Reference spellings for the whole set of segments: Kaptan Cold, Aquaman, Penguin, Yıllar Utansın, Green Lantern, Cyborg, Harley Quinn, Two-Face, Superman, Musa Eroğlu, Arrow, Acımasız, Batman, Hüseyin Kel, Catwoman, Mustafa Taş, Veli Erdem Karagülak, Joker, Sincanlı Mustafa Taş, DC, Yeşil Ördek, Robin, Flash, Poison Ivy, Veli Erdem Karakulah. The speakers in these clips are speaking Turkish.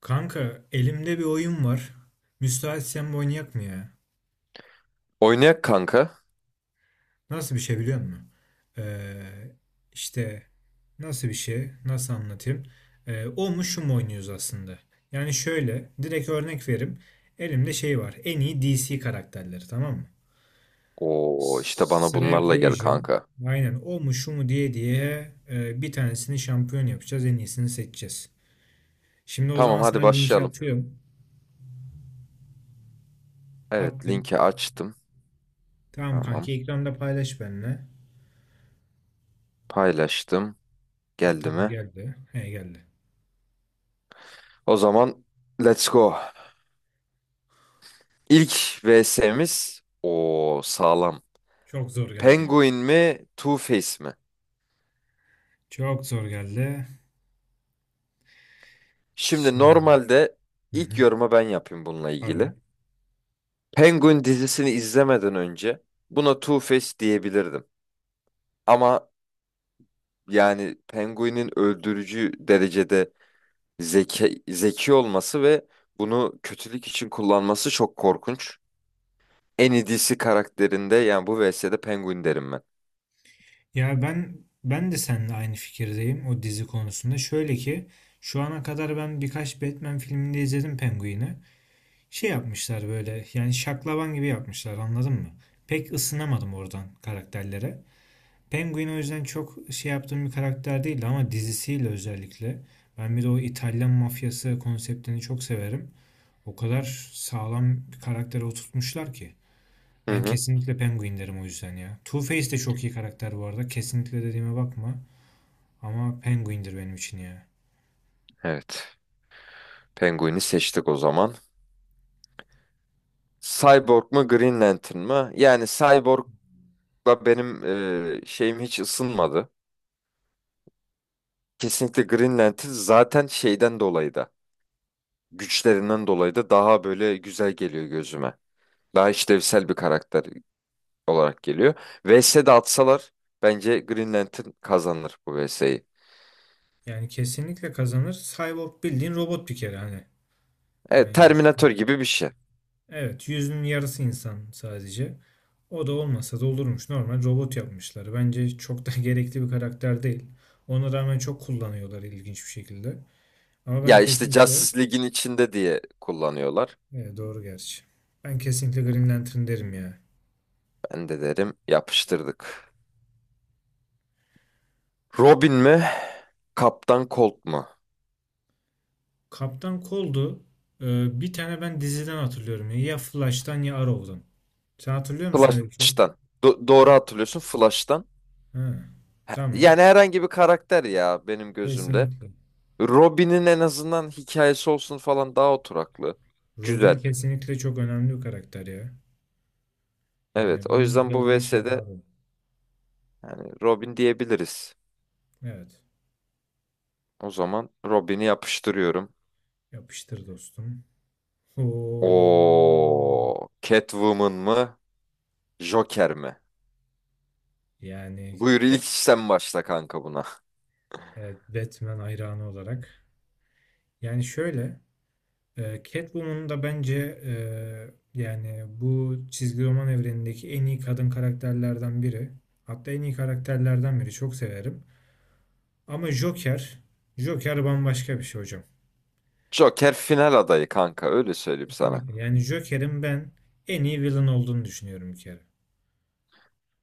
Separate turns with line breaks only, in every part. Kanka elimde bir oyun var. Müsaitsen bu oynayak mı ya?
Oynayak kanka.
Nasıl bir şey biliyor musun? Ee, işte nasıl bir şey? Nasıl anlatayım? O mu şu mu oynuyoruz aslında? Yani şöyle direkt örnek verim. Elimde şey var. En iyi DC karakterleri tamam mı?
Oo işte bana
Sıraya
bunlarla gel
koyacağım.
kanka.
Aynen o mu şu mu diye diye bir tanesini şampiyon yapacağız. En iyisini seçeceğiz. Şimdi o
Tamam
zaman sana
hadi
linki
başlayalım.
atıyorum.
Evet
Attım.
linki açtım.
Tamam
Tamam
kanki ekranda paylaş benimle.
paylaştım.
Ha,
Geldi
tamam
mi?
geldi. He geldi.
O zaman let's go. İlk VS'miz o sağlam.
Çok zor geldi.
Penguin mi Two-Face mi?
Çok zor geldi.
Şimdi
Şimdi.
normalde
Hı
ilk
hı.
yoruma ben yapayım bununla
Abi.
ilgili. Penguin dizisini izlemeden önce buna Two-Face diyebilirdim. Ama yani Penguin'in öldürücü derecede zeki, zeki olması ve bunu kötülük için kullanması çok korkunç. En iyi karakterinde yani bu VS'de Penguin derim ben.
Ya ben de seninle aynı fikirdeyim o dizi konusunda. Şöyle ki şu ana kadar ben birkaç Batman filminde izledim Penguin'i. Şey yapmışlar böyle yani şaklaban gibi yapmışlar anladın mı? Pek ısınamadım oradan karakterlere. Penguin o yüzden çok şey yaptığım bir karakter değildi ama dizisiyle özellikle. Ben bir de o İtalyan mafyası konseptini çok severim. O kadar sağlam bir karaktere oturtmuşlar ki.
Hı
Ben
hı.
kesinlikle Penguin derim o yüzden ya. Two-Face de çok iyi karakter bu arada. Kesinlikle dediğime bakma. Ama Penguin'dir benim için ya.
Evet. Penguin'i seçtik o zaman. Cyborg mu Green Lantern mı? Yani Cyborg'la benim şeyim hiç ısınmadı. Kesinlikle Green Lantern zaten şeyden dolayı da güçlerinden dolayı da daha böyle güzel geliyor gözüme. Daha işlevsel bir karakter olarak geliyor. VS'de atsalar bence Green Lantern kazanır bu VS'yi.
Yani kesinlikle kazanır. Cyborg bildiğin robot bir kere hani.
Evet,
Yani
Terminator gibi bir şey.
evet, yüzünün yarısı insan sadece. O da olmasa da olurmuş. Normal robot yapmışlar. Bence çok da gerekli bir karakter değil. Ona rağmen çok kullanıyorlar ilginç bir şekilde. Ama ben
Ya işte
kesinlikle...
Justice League'in içinde diye kullanıyorlar.
Evet, doğru gerçi. Ben kesinlikle Green Lantern derim ya.
Ben de derim yapıştırdık. Robin mi? Kaptan Colt mu?
Kaptan Cold'u bir tane ben diziden hatırlıyorum. Ya Flash'tan ya Arrow'dan. Sen hatırlıyor musun öyle bir şey?
Flash'tan. Doğru hatırlıyorsun Flash'tan.
Ha, tamam.
Yani herhangi bir karakter ya benim gözümde.
Kesinlikle.
Robin'in en azından hikayesi olsun falan daha oturaklı.
Robin
Güzel.
kesinlikle çok önemli bir karakter ya.
Evet
Yani
o
ben
yüzden bu
Robin'e şey
VS'de
yapardım.
yani Robin diyebiliriz.
Evet.
O zaman Robin'i yapıştırıyorum.
Yapıştır dostum. Oo.
O Catwoman mı? Joker mi?
Yani
Buyur
ke-
ilk sen başla kanka buna.
evet, Batman hayranı olarak. Yani şöyle Catwoman da bence yani bu çizgi roman evrenindeki en iyi kadın karakterlerden biri. Hatta en iyi karakterlerden biri. Çok severim. Ama Joker, Joker bambaşka bir şey hocam.
Joker final adayı kanka öyle söyleyeyim sana.
Kesinlikle. Yani Joker'in ben en iyi villain olduğunu düşünüyorum bir kere.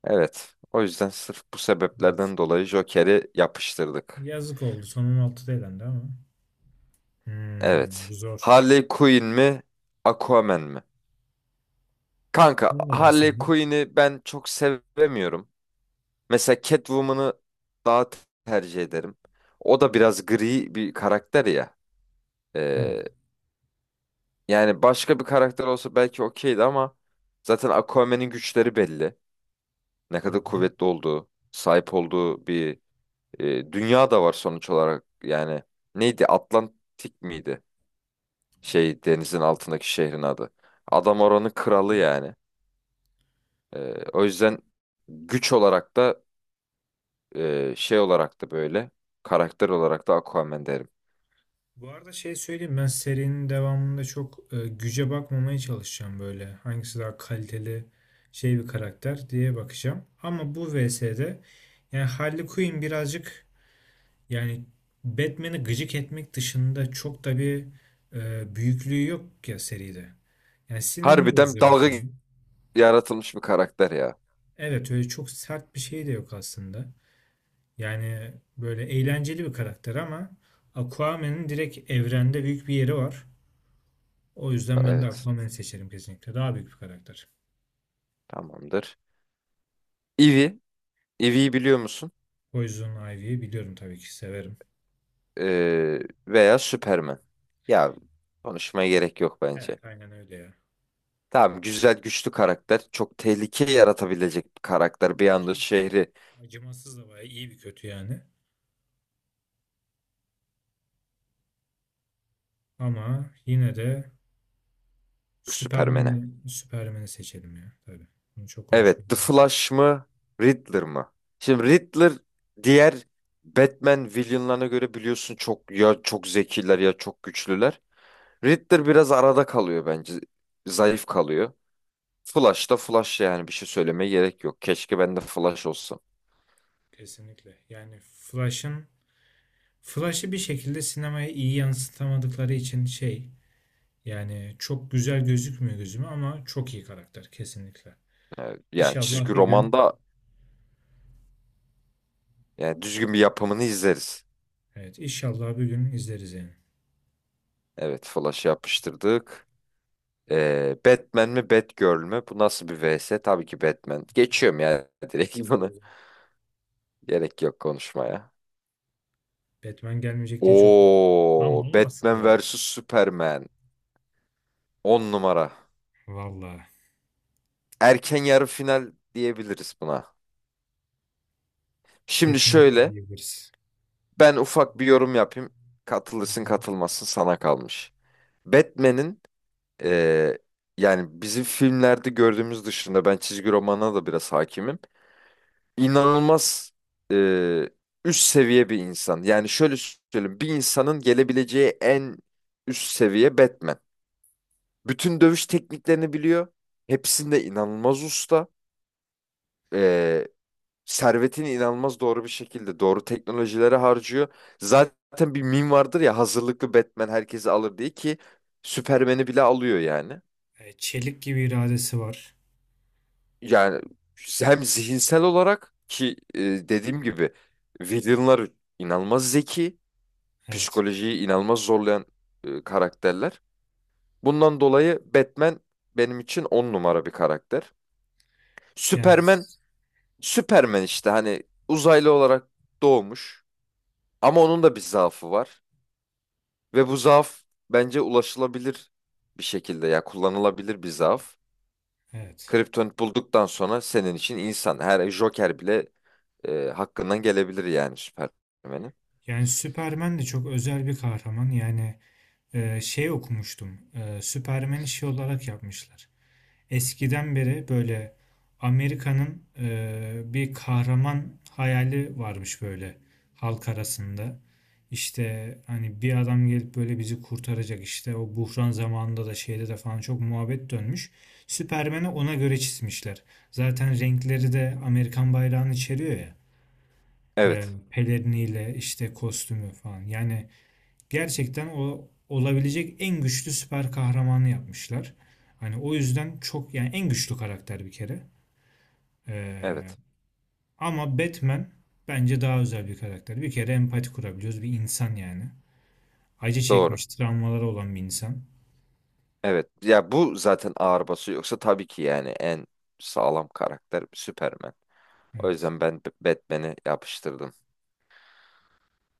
Evet. O yüzden sırf bu
Evet.
sebeplerden dolayı Joker'i yapıştırdık.
Yazık oldu. Sonun altıda elendi ama. Hmm, bu
Evet.
zor.
Harley Quinn mi? Aquaman mi? Kanka
Sen ne
Harley
dersin?
Quinn'i ben çok sevemiyorum. Mesela Catwoman'ı daha tercih ederim. O da biraz gri bir karakter ya. Ee,
Evet.
Yani başka bir karakter olsa belki okeydi ama zaten Aquaman'in güçleri belli. Ne
Hı
kadar
hı.
kuvvetli olduğu, sahip olduğu bir dünya da var sonuç olarak. Yani neydi? Atlantik miydi?
Evet.
Şey denizin altındaki şehrin adı. Adam oranın
Hı
kralı
hı.
yani. E, O yüzden güç olarak da şey olarak da böyle karakter olarak da Aquaman derim.
Bu arada şey söyleyeyim ben serinin devamında çok güce bakmamaya çalışacağım böyle. Hangisi daha kaliteli şey bir karakter diye bakacağım. Ama bu VS'de yani Harley Quinn birazcık yani Batman'i gıcık etmek dışında çok da bir büyüklüğü yok ya seride. Yani sinirini
Harbiden
bozuyor
dalga
Batman'in.
yaratılmış bir karakter ya.
Evet öyle çok sert bir şey de yok aslında. Yani böyle eğlenceli bir karakter ama Aquaman'ın direkt evrende büyük bir yeri var. O yüzden ben de
Evet.
Aquaman'ı seçerim kesinlikle. Daha büyük bir karakter.
Tamamdır. Ivy. Ivy'yi biliyor musun?
Poison Ivy'yi biliyorum tabii ki severim.
Ee, Veya Superman. Ya konuşmaya gerek yok bence.
Evet aynen öyle ya.
Tamam güzel güçlü karakter. Çok tehlike yaratabilecek bir karakter. Bir anda
Ki
şehri
acımasız da bayağı iyi bir kötü yani. Ama yine de
Superman'e.
Superman'i seçelim ya tabii. Bunu çok konuşmaya
Evet, The
gerek.
Flash mı Riddler mı? Şimdi Riddler diğer Batman villainlarına göre biliyorsun çok ya çok zekiler ya çok güçlüler. Riddler biraz arada kalıyor bence. Zayıf kalıyor. Flash da Flash yani bir şey söylemeye gerek yok. Keşke ben de Flash olsam.
Kesinlikle. Flash'ı bir şekilde sinemaya iyi yansıtamadıkları için şey yani çok güzel gözükmüyor gözüme ama çok iyi karakter kesinlikle.
Yani
İnşallah
çizgi
bir gün
romanda yani düzgün bir yapımını izleriz.
evet, inşallah bir gün izleriz yani.
Evet, Flash'ı yapıştırdık. Batman mi Batgirl mü? Bu nasıl bir vs? Tabii ki Batman. Geçiyorum ya direkt bunu. Gerek yok konuşmaya.
Batman gelmeyecek diye çok mutluyum. Ama
Oo,
olmasın
Batman
ya.
vs Superman, 10 numara.
Valla.
Erken yarı final diyebiliriz buna. Şimdi
Kesinlikle
şöyle,
diyebiliriz.
ben ufak bir yorum yapayım.
Hı
Katılırsın
hı.
katılmazsın sana kalmış. Batman'in ee, yani bizim filmlerde gördüğümüz dışında ben çizgi romana da biraz hakimim. İnanılmaz e, üst seviye bir insan. Yani şöyle söyleyeyim, bir insanın gelebileceği en üst seviye Batman. Bütün dövüş tekniklerini biliyor. Hepsinde inanılmaz usta. E, Servetini inanılmaz doğru bir şekilde, doğru teknolojilere harcıyor. Zaten bir meme vardır ya, hazırlıklı Batman herkesi alır diye ki Superman'i bile alıyor yani.
E, çelik gibi iradesi var.
Yani hem zihinsel olarak ki dediğim gibi villainlar inanılmaz zeki.
Evet.
Psikolojiyi inanılmaz zorlayan karakterler. Bundan dolayı Batman benim için on numara bir karakter.
Yani
Superman, Superman işte hani uzaylı olarak doğmuş ama onun da bir zaafı var ve bu zaaf bence ulaşılabilir bir şekilde ya kullanılabilir bir zaaf.
evet.
Kriptonit bulduktan sonra senin için insan her Joker bile hakkından gelebilir yani Superman'in.
Yani Superman de çok özel bir kahraman. Yani şey okumuştum. Superman'i şey olarak yapmışlar. Eskiden beri böyle Amerika'nın bir kahraman hayali varmış böyle halk arasında. İşte hani bir adam gelip böyle bizi kurtaracak işte o buhran zamanında da şeyde de falan çok muhabbet dönmüş. Süpermen'i ona göre çizmişler. Zaten renkleri de Amerikan bayrağını içeriyor ya.
Evet,
Peleriniyle işte kostümü falan. Yani gerçekten o olabilecek en güçlü süper kahramanı yapmışlar. Hani o yüzden çok yani en güçlü karakter bir kere. Ee,
evet.
ama Batman bence daha özel bir karakter. Bir kere empati kurabiliyoruz. Bir insan yani. Acı
Doğru.
çekmiş, travmaları olan bir insan.
Evet. Ya bu zaten ağır basıyor. Yoksa tabii ki yani en sağlam karakter Superman. O
Evet.
yüzden ben Batman'i yapıştırdım.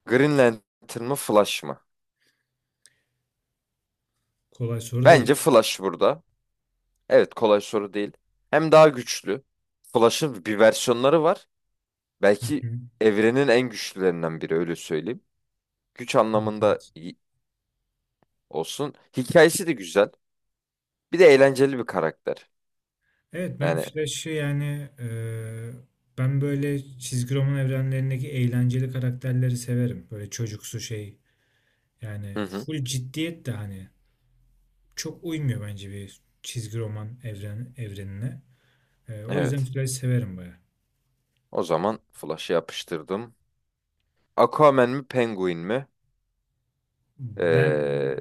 Green Lantern mı Flash mı?
Kolay soru değil.
Bence Flash burada. Evet kolay soru değil. Hem daha güçlü. Flash'ın bir versiyonları var.
Hı
Belki
hı.
evrenin en güçlülerinden biri öyle söyleyeyim. Güç
Evet,
anlamında
evet.
iyi olsun. Hikayesi de güzel. Bir de eğlenceli bir karakter.
Evet, ben
Yani
Flash'ı ben böyle çizgi roman evrenlerindeki eğlenceli karakterleri severim. Böyle çocuksu şey
hı
yani
hı,
full ciddiyet de hani çok uymuyor bence bir çizgi roman evrenine. O yüzden
evet.
Flash severim baya.
O zaman Flash'ı yapıştırdım. Aquaman mi Penguin mi?
Ben
Ee,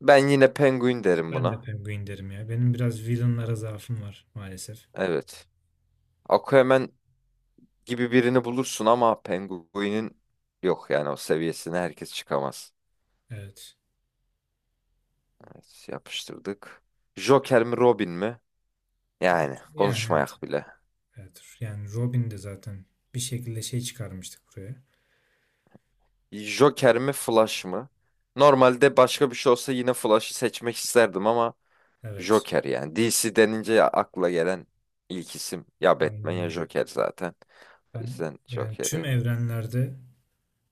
Ben yine penguin derim
ben de
buna.
Penguin derim ya. Benim biraz villainlara zaafım var maalesef.
Evet. Aquaman gibi birini bulursun ama penguinin yok yani o seviyesine herkes çıkamaz.
Evet.
Evet, yapıştırdık. Joker mi Robin mi? Yani
Yani evet.
konuşmayak bile.
Evet. Yani Robin de zaten bir şekilde şey çıkarmıştık buraya.
Joker mi Flash mı? Normalde başka bir şey olsa yine Flash'ı seçmek isterdim ama
Evet.
Joker yani. DC denince akla gelen ilk isim ya Batman
Aynen
ya
öyle.
Joker zaten. O
Ben
yüzden
yani tüm
Joker'i
evrenlerde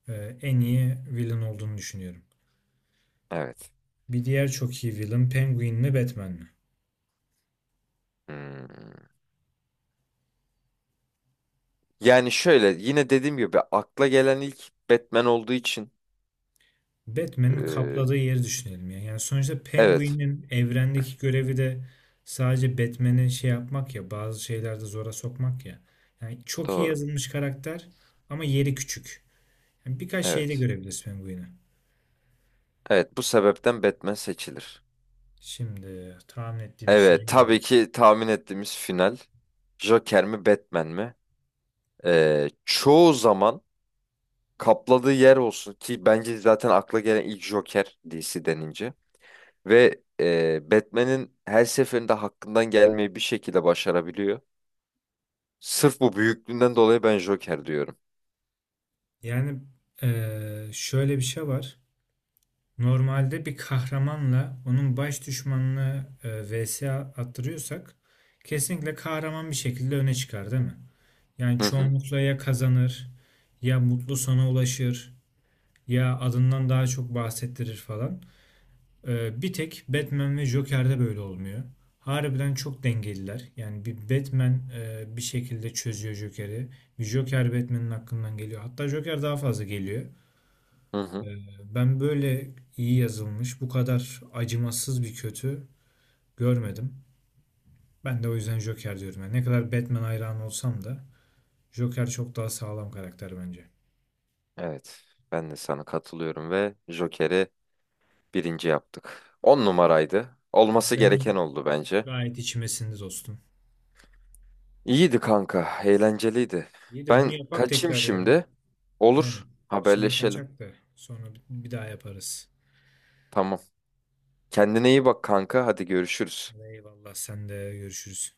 en iyi villain olduğunu düşünüyorum.
evet.
Bir diğer çok iyi villain Penguin mi Batman mi?
Hmm. Yani şöyle yine dediğim gibi akla gelen ilk Batman olduğu için
Batman'in
eee,
kapladığı yeri düşünelim ya. Yani sonuçta
evet
Penguin'in evrendeki görevi de sadece Batman'i şey yapmak ya, bazı şeylerde zora sokmak ya. Yani çok iyi
doğru.
yazılmış karakter ama yeri küçük. Yani birkaç şeyde
Evet.
görebiliriz Penguin'i.
Evet bu sebepten Batman seçilir.
Şimdi tahmin ettiğimiz şeye
Evet tabii
geldik.
ki tahmin ettiğimiz final Joker mi Batman mi? Çoğu zaman kapladığı yer olsun ki bence zaten akla gelen ilk Joker DC denince ve Batman'in her seferinde hakkından gelmeyi bir şekilde başarabiliyor. Sırf bu büyüklüğünden dolayı ben Joker diyorum.
Yani şöyle bir şey var. Normalde bir kahramanla onun baş düşmanını vs attırıyorsak kesinlikle kahraman bir şekilde öne çıkar değil mi? Yani
Hı hı.
çoğunlukla ya kazanır ya mutlu sana ulaşır ya adından daha çok bahsettirir falan. Bir tek Batman ve Joker'de böyle olmuyor. Harbiden çok dengeliler. Yani bir Batman bir şekilde çözüyor Joker'i. Bir Joker Batman'in hakkından geliyor. Hatta Joker daha fazla geliyor.
Hı hı.
Ee, ben böyle iyi yazılmış, bu kadar acımasız bir kötü görmedim. Ben de o yüzden Joker diyorum. Yani ne kadar Batman hayranı olsam da Joker çok daha sağlam karakter bence.
Evet, ben de sana katılıyorum ve Joker'i birinci yaptık. 10 numaraydı.
Ama
Olması gereken
benim
oldu bence.
gayet içimesinde dostum.
İyiydi kanka, eğlenceliydi.
İyi de bunu
Ben
yapak
kaçayım
tekrar ya.
şimdi.
He.
Olur,
Şimdi
haberleşelim.
kaçak da sonra bir daha yaparız.
Tamam. Kendine iyi bak kanka, hadi görüşürüz.
Eyvallah, sen de görüşürüz.